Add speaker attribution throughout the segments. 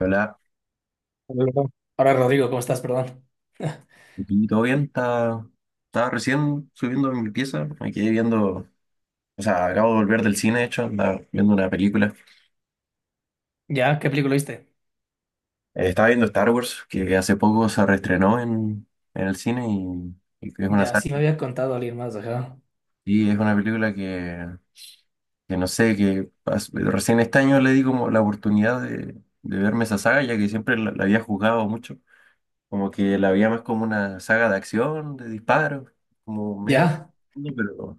Speaker 1: Hola,
Speaker 2: Hola. Ahora, Rodrigo, ¿cómo estás? Perdón.
Speaker 1: aquí todo bien, está estaba recién subiendo en mi pieza, me quedé viendo, o sea, acabo de volver del cine, de hecho, andaba viendo una película.
Speaker 2: ¿Ya? ¿Qué película viste?
Speaker 1: Estaba viendo Star Wars, que hace poco se reestrenó en el cine y que es una
Speaker 2: Ya, sí me había contado alguien más, ajá.
Speaker 1: y es una película que no sé, recién este año le di como la oportunidad de verme esa saga, ya que siempre la había juzgado mucho, como que la había más como una saga de acción, de disparos, como medio,
Speaker 2: Ya.
Speaker 1: pero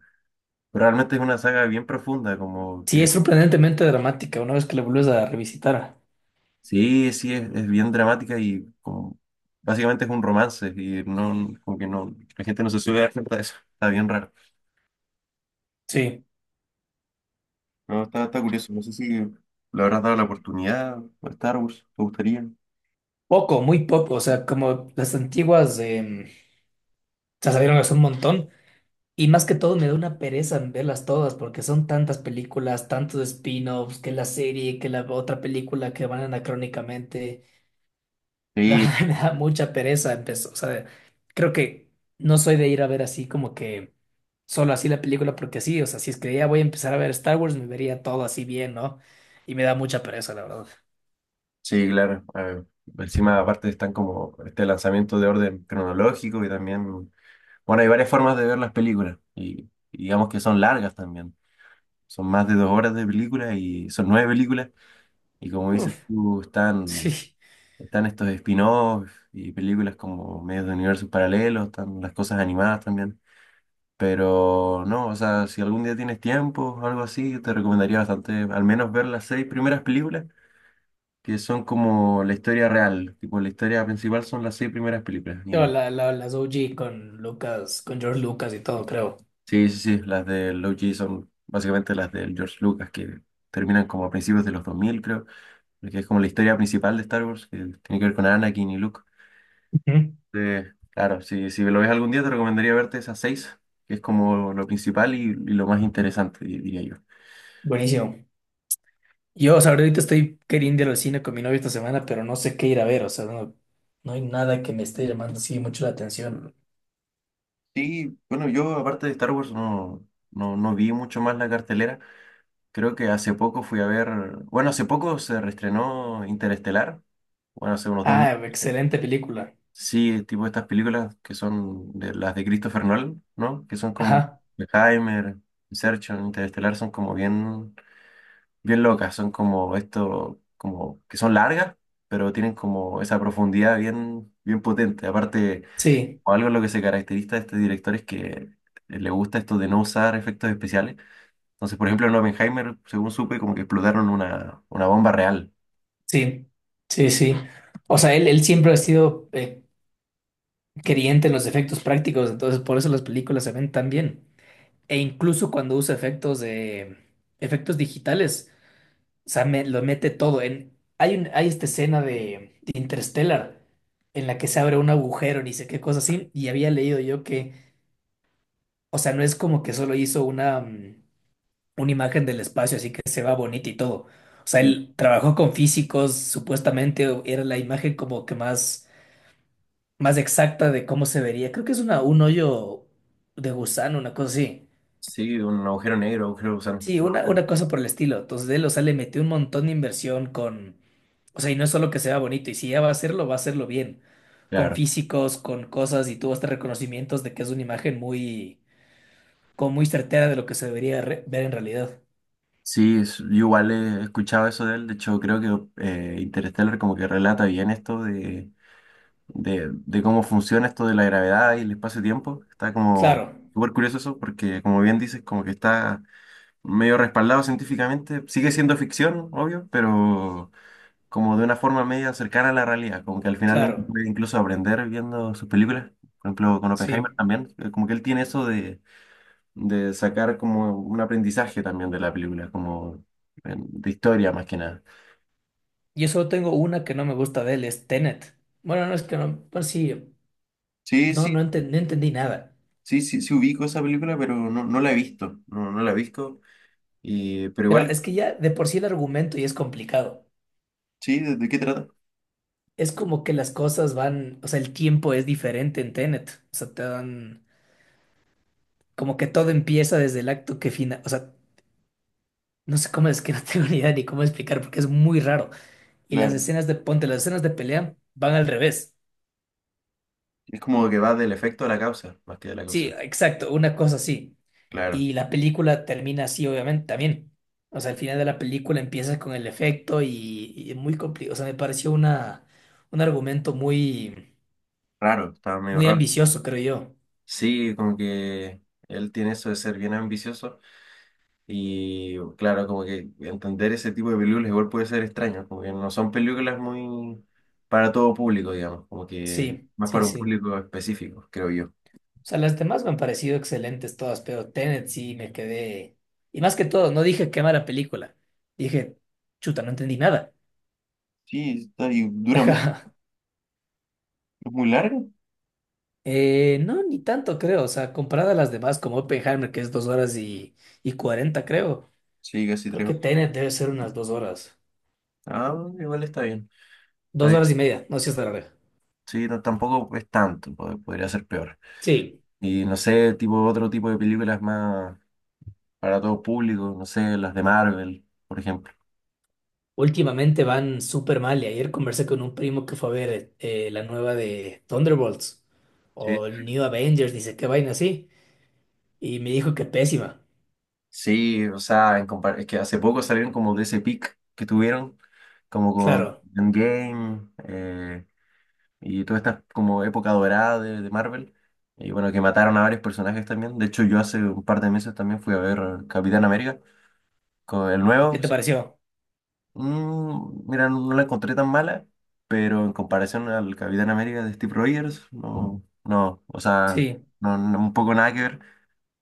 Speaker 1: pero realmente es una saga bien profunda, como
Speaker 2: Sí, es
Speaker 1: que
Speaker 2: sorprendentemente dramática una vez que la vuelves a revisitar.
Speaker 1: sí, es bien dramática y como básicamente es un romance y no, como que no, la gente no se suele dar cuenta de eso. Está bien raro.
Speaker 2: Sí.
Speaker 1: No, está curioso. No sé si le habrás dado la oportunidad a Star Wars, ¿te gustaría?
Speaker 2: Poco, muy poco. O sea, como las antiguas se salieron hace un montón. Y más que todo me da una pereza en verlas todas porque son tantas películas, tantos spin-offs, que la serie, que la otra película que van anacrónicamente. La
Speaker 1: Sí,
Speaker 2: verdad me da mucha pereza empezó, o sea, creo que no soy de ir a ver así como que solo así la película porque sí, o sea, si es que ya voy a empezar a ver Star Wars me vería todo así bien, ¿no? Y me da mucha pereza, la verdad.
Speaker 1: sí, claro. Encima, aparte están como este lanzamiento de orden cronológico y también, bueno, hay varias formas de ver las películas y digamos que son largas también. Son más de 2 horas de película y son nueve películas. Y como dices
Speaker 2: Uf,
Speaker 1: tú,
Speaker 2: sí.
Speaker 1: están estos spin-offs y películas como medios de universos paralelos, están las cosas animadas también. Pero no, o sea, si algún día tienes tiempo o algo así, te recomendaría bastante al menos ver las seis primeras películas, que son como la historia real. Tipo, la historia principal son las seis primeras películas.
Speaker 2: Yo
Speaker 1: Y
Speaker 2: las OG con Lucas, con George Lucas y todo, creo.
Speaker 1: sí, sí, sí, las de Loki son básicamente las del George Lucas, que terminan como a principios de los 2000 creo, porque es como la historia principal de Star Wars, que tiene que ver con Anakin y Luke.
Speaker 2: Ujú.
Speaker 1: Claro, si lo ves algún día te recomendaría verte esas seis, que es como lo principal y lo más interesante, diría yo.
Speaker 2: Buenísimo. Yo, o sea, ahorita estoy queriendo ir al cine con mi novia esta semana, pero no sé qué ir a ver, o sea, no, no hay nada que me esté llamando así mucho la atención.
Speaker 1: Sí, bueno, yo aparte de Star Wars no vi mucho más la cartelera. Creo que hace poco fui a ver, bueno, hace poco se reestrenó Interestelar, bueno, hace unos 2 meses.
Speaker 2: Ah, excelente película.
Speaker 1: Sí, tipo estas películas que son de, las de Christopher Nolan, ¿no? Que son como
Speaker 2: Ajá,
Speaker 1: Oppenheimer, Inception, Interestelar, son como bien locas, son como esto, como que son largas, pero tienen como esa profundidad bien potente. Aparte,
Speaker 2: sí.
Speaker 1: o algo en lo que se caracteriza a este director es que le gusta esto de no usar efectos especiales. Entonces, por ejemplo, en Oppenheimer, según supe, como que explotaron una bomba real.
Speaker 2: Sí, sí, sí. O sea, él siempre ha sido creyente en los efectos prácticos, entonces por eso las películas se ven tan bien. E incluso cuando usa efectos digitales, o sea, me- lo mete todo. En, hay un, hay esta escena de Interstellar en la que se abre un agujero, ni sé qué cosa así, y había leído yo que, o sea, no es como que solo hizo una, una imagen del espacio, así que se va bonita y todo. O sea,
Speaker 1: Sí,
Speaker 2: él trabajó con físicos, supuestamente era la imagen como que más exacta de cómo se vería. Creo que es una, un hoyo de gusano, una cosa así.
Speaker 1: sí, un agujero negro, agujero de gusano.
Speaker 2: Sí, una cosa por el estilo. Entonces, de él, o sea, le metió un montón de inversión con... O sea, y no es solo que sea bonito, y si ya va a hacerlo bien. Con
Speaker 1: Claro.
Speaker 2: físicos, con cosas, y tuvo hasta reconocimientos de que es una imagen muy, como muy certera de lo que se debería re- ver en realidad.
Speaker 1: Yo igual he escuchado eso de él. De hecho, creo que Interstellar como que relata bien esto de cómo funciona esto de la gravedad y el espacio-tiempo. Está como
Speaker 2: Claro,
Speaker 1: súper curioso eso, porque como bien dices, como que está medio respaldado científicamente. Sigue siendo ficción, obvio, pero como de una forma media cercana a la realidad. Como que al final uno
Speaker 2: claro,
Speaker 1: puede incluso aprender viendo sus películas. Por ejemplo, con Oppenheimer
Speaker 2: sí.
Speaker 1: también, como que él tiene eso de sacar como un aprendizaje también de la película, como de historia más que nada.
Speaker 2: Yo solo tengo una que no me gusta de él, es Tenet. Bueno, no es que no, pues sí,
Speaker 1: Sí,
Speaker 2: no,
Speaker 1: sí,
Speaker 2: no entendí nada.
Speaker 1: sí ubico esa película, pero no la he visto. No la he visto. Pero
Speaker 2: Mira,
Speaker 1: igual,
Speaker 2: es que ya de por sí el argumento ya es complicado.
Speaker 1: sí, ¿de qué trata?
Speaker 2: Es como que las cosas van, o sea, el tiempo es diferente en Tenet. O sea, te dan como que todo empieza desde el acto que final, o sea, no sé cómo es que no tengo ni idea ni cómo explicar porque es muy raro. Y las
Speaker 1: Claro.
Speaker 2: escenas de ponte, las escenas de pelea van al revés.
Speaker 1: Es como que va del efecto a la causa, más que de la
Speaker 2: Sí,
Speaker 1: causa.
Speaker 2: exacto, una cosa así.
Speaker 1: Claro,
Speaker 2: Y la película termina así, obviamente, también. O sea, al final de la película empieza con el efecto y es muy complicado. O sea, me pareció una, un argumento muy,
Speaker 1: raro, estaba medio
Speaker 2: muy
Speaker 1: raro.
Speaker 2: ambicioso, creo yo.
Speaker 1: Sí, como que él tiene eso de ser bien ambicioso y claro, como que entender ese tipo de películas igual puede ser extraño, como que no son películas muy para todo público, digamos, como que
Speaker 2: Sí,
Speaker 1: más
Speaker 2: sí,
Speaker 1: para un
Speaker 2: sí.
Speaker 1: público específico, creo yo.
Speaker 2: O sea, las demás me han parecido excelentes todas, pero Tenet sí me quedé. Y más que todo, no dije qué mala película. Dije, chuta, no entendí nada.
Speaker 1: Y dura mucho, es muy largo.
Speaker 2: No, ni tanto creo. O sea, comparada a las demás, como Oppenheimer, que es dos horas y 40 creo.
Speaker 1: Sí, casi
Speaker 2: Creo
Speaker 1: tres
Speaker 2: que
Speaker 1: horas.
Speaker 2: Tenet debe ser unas dos horas.
Speaker 1: Ah, igual está bien, está
Speaker 2: Dos
Speaker 1: bien.
Speaker 2: horas y media, no sé si es larga.
Speaker 1: Sí, tampoco es tanto, podría ser peor.
Speaker 2: Sí,
Speaker 1: Y no sé, tipo otro tipo de películas más para todo público, no sé, las de Marvel, por ejemplo.
Speaker 2: últimamente van súper mal. Y ayer conversé con un primo que fue a ver la nueva de Thunderbolts
Speaker 1: Sí.
Speaker 2: o New Avengers, dice qué vaina así. Y me dijo que pésima.
Speaker 1: Sí, o sea, es que hace poco salieron como de ese pic que tuvieron, como con
Speaker 2: Claro.
Speaker 1: Endgame y toda esta como época dorada de Marvel. Y bueno, que mataron a varios personajes también. De hecho, yo hace un par de meses también fui a ver Capitán América, con el
Speaker 2: ¿Y qué
Speaker 1: nuevo,
Speaker 2: te pareció?
Speaker 1: mm, mira, no la encontré tan mala, pero en comparación al Capitán América de Steve Rogers, no, o sea,
Speaker 2: Sí.
Speaker 1: un poco nada que ver,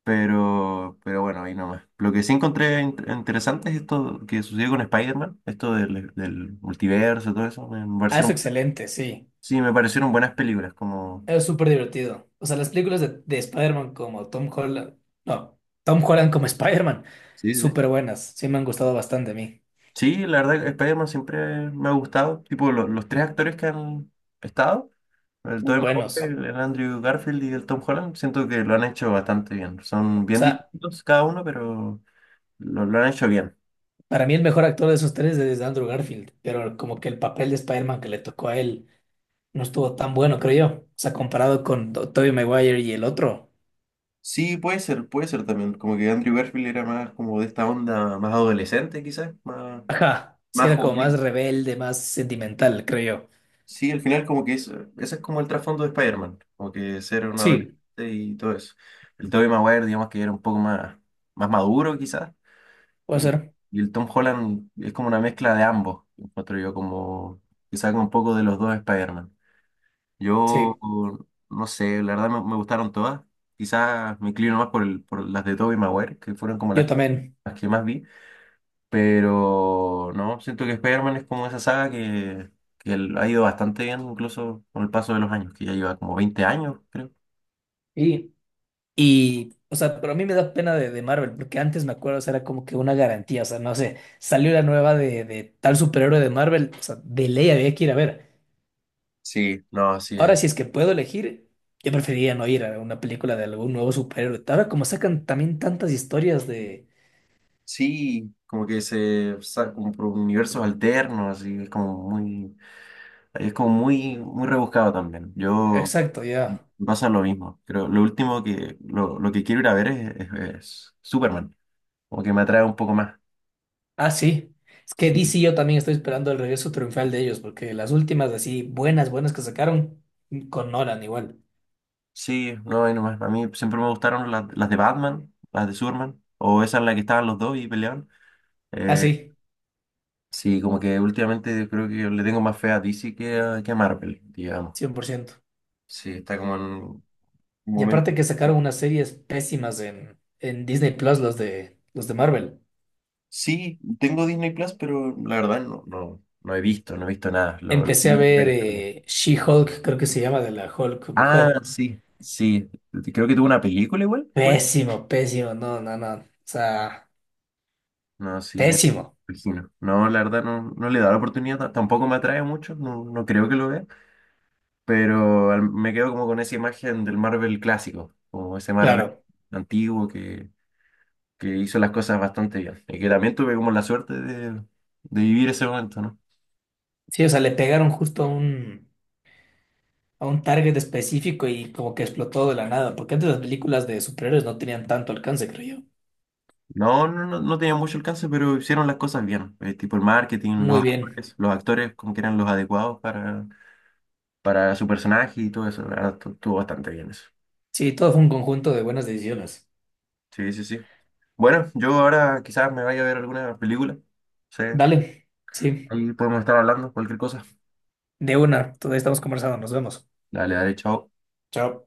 Speaker 1: pero bueno, ahí nomás. Lo que sí encontré interesante es esto que sucedió con Spider-Man, esto del multiverso, todo eso, me
Speaker 2: Ah, es
Speaker 1: parecieron,
Speaker 2: excelente, sí.
Speaker 1: sí, me parecieron buenas películas, como...
Speaker 2: Es súper divertido. O sea, las películas de Spider-Man como Tom Holland. No, Tom Holland como Spider-Man.
Speaker 1: Sí, sí.
Speaker 2: Súper buenas. Sí, me han gustado bastante a mí.
Speaker 1: Sí, la verdad, Spider-Man siempre me ha gustado. Tipo, los tres actores que han estado, el
Speaker 2: Muy
Speaker 1: Tobey
Speaker 2: buenos.
Speaker 1: Maguire, el Andrew Garfield y el Tom Holland, siento que lo han hecho bastante bien. Son
Speaker 2: O
Speaker 1: bien
Speaker 2: sea,
Speaker 1: distintos cada uno, pero lo han hecho bien.
Speaker 2: para mí el mejor actor de esos tres es Andrew Garfield. Pero como que el papel de Spider-Man que le tocó a él no estuvo tan bueno, creo yo. O sea, comparado con Tobey Maguire y el otro.
Speaker 1: Sí, puede ser también. Como que Andrew Garfield era más como de esta onda más adolescente, quizás,
Speaker 2: Ajá. Sí,
Speaker 1: más
Speaker 2: era como más
Speaker 1: juvenil.
Speaker 2: rebelde, más sentimental, creo yo.
Speaker 1: Sí, al final como que es, ese es como el trasfondo de Spider-Man, como que ser un adolescente
Speaker 2: Sí,
Speaker 1: y todo eso. El Tobey Maguire, digamos que era un poco más maduro, quizás.
Speaker 2: puede
Speaker 1: Y,
Speaker 2: ser.
Speaker 1: y el Tom Holland es como una mezcla de ambos, encuentro yo, como que saca un poco de los dos Spider-Man. Yo
Speaker 2: Sí,
Speaker 1: no sé, la verdad me gustaron todas. Quizás me inclino más por las de Tobey Maguire, que fueron como
Speaker 2: yo también.
Speaker 1: las que más vi. Pero no, siento que Spider-Man es como esa saga que ha ido bastante bien, incluso con el paso de los años, que ya lleva como 20 años, creo.
Speaker 2: Y, o sea, pero a mí me da pena de Marvel, porque antes me acuerdo, o sea, era como que una garantía, o sea, no sé, salió la nueva de tal superhéroe de Marvel, o sea, de ley había que ir a ver.
Speaker 1: Sí, no, así
Speaker 2: Ahora,
Speaker 1: es.
Speaker 2: si es que puedo elegir, yo preferiría no ir a una película de algún nuevo superhéroe. Ahora, como sacan también tantas historias de...
Speaker 1: Sí, como que como por universos alternos, así es como muy, es como muy, muy rebuscado también. Yo
Speaker 2: Exacto,
Speaker 1: me
Speaker 2: ya.
Speaker 1: pasa lo mismo. Creo lo último lo que quiero ir a ver es Superman. Como que me atrae un poco más.
Speaker 2: Ah, sí. Es que
Speaker 1: Sí.
Speaker 2: DC yo también estoy esperando el regreso triunfal de ellos, porque las últimas así buenas, buenas que sacaron, con Nolan igual.
Speaker 1: Sí, no, y nomás. A mí siempre me gustaron las de Batman, las de Superman, o esa en la que estaban los dos y peleaban.
Speaker 2: Ah,
Speaker 1: Eh,
Speaker 2: sí,
Speaker 1: sí, como que últimamente yo creo que le tengo más fe a DC que a Marvel, digamos.
Speaker 2: 100%.
Speaker 1: Sí, está como en un
Speaker 2: Y
Speaker 1: momento.
Speaker 2: aparte que sacaron unas series pésimas en Disney Plus, los de Marvel.
Speaker 1: Sí, tengo Disney Plus, pero la verdad no he visto, no he visto nada.
Speaker 2: Empecé a ver She-Hulk, creo que se llama, de la Hulk
Speaker 1: Ah,
Speaker 2: mujer.
Speaker 1: sí, sí. Creo que tuvo una película igual, pues.
Speaker 2: Pésimo, pésimo, no, no, no. O sea,
Speaker 1: No, sí, me
Speaker 2: pésimo,
Speaker 1: imagino. No, la verdad no, no le he dado la oportunidad, tampoco me atrae mucho, no creo que lo vea, pero me quedo como con esa imagen del Marvel clásico, como ese Marvel
Speaker 2: claro.
Speaker 1: antiguo que hizo las cosas bastante bien y que también tuve como la suerte de vivir ese momento, ¿no?
Speaker 2: Sí, o sea, le pegaron justo a un target específico y como que explotó de la nada, porque antes las películas de superhéroes no tenían tanto alcance, creo yo.
Speaker 1: No, no, no, no tenía mucho alcance, pero hicieron las cosas bien, tipo el marketing,
Speaker 2: Muy bien.
Speaker 1: los actores como que eran los adecuados para su personaje y todo eso. La verdad, estuvo bastante bien eso.
Speaker 2: Sí, todo fue un conjunto de buenas decisiones.
Speaker 1: Sí, sí, sí. Bueno, yo ahora quizás me vaya a ver alguna película. No sé,
Speaker 2: Dale, sí,
Speaker 1: ahí podemos estar hablando, cualquier cosa.
Speaker 2: de una. Todavía estamos conversando, nos vemos.
Speaker 1: Dale, dale, chao.
Speaker 2: Chao.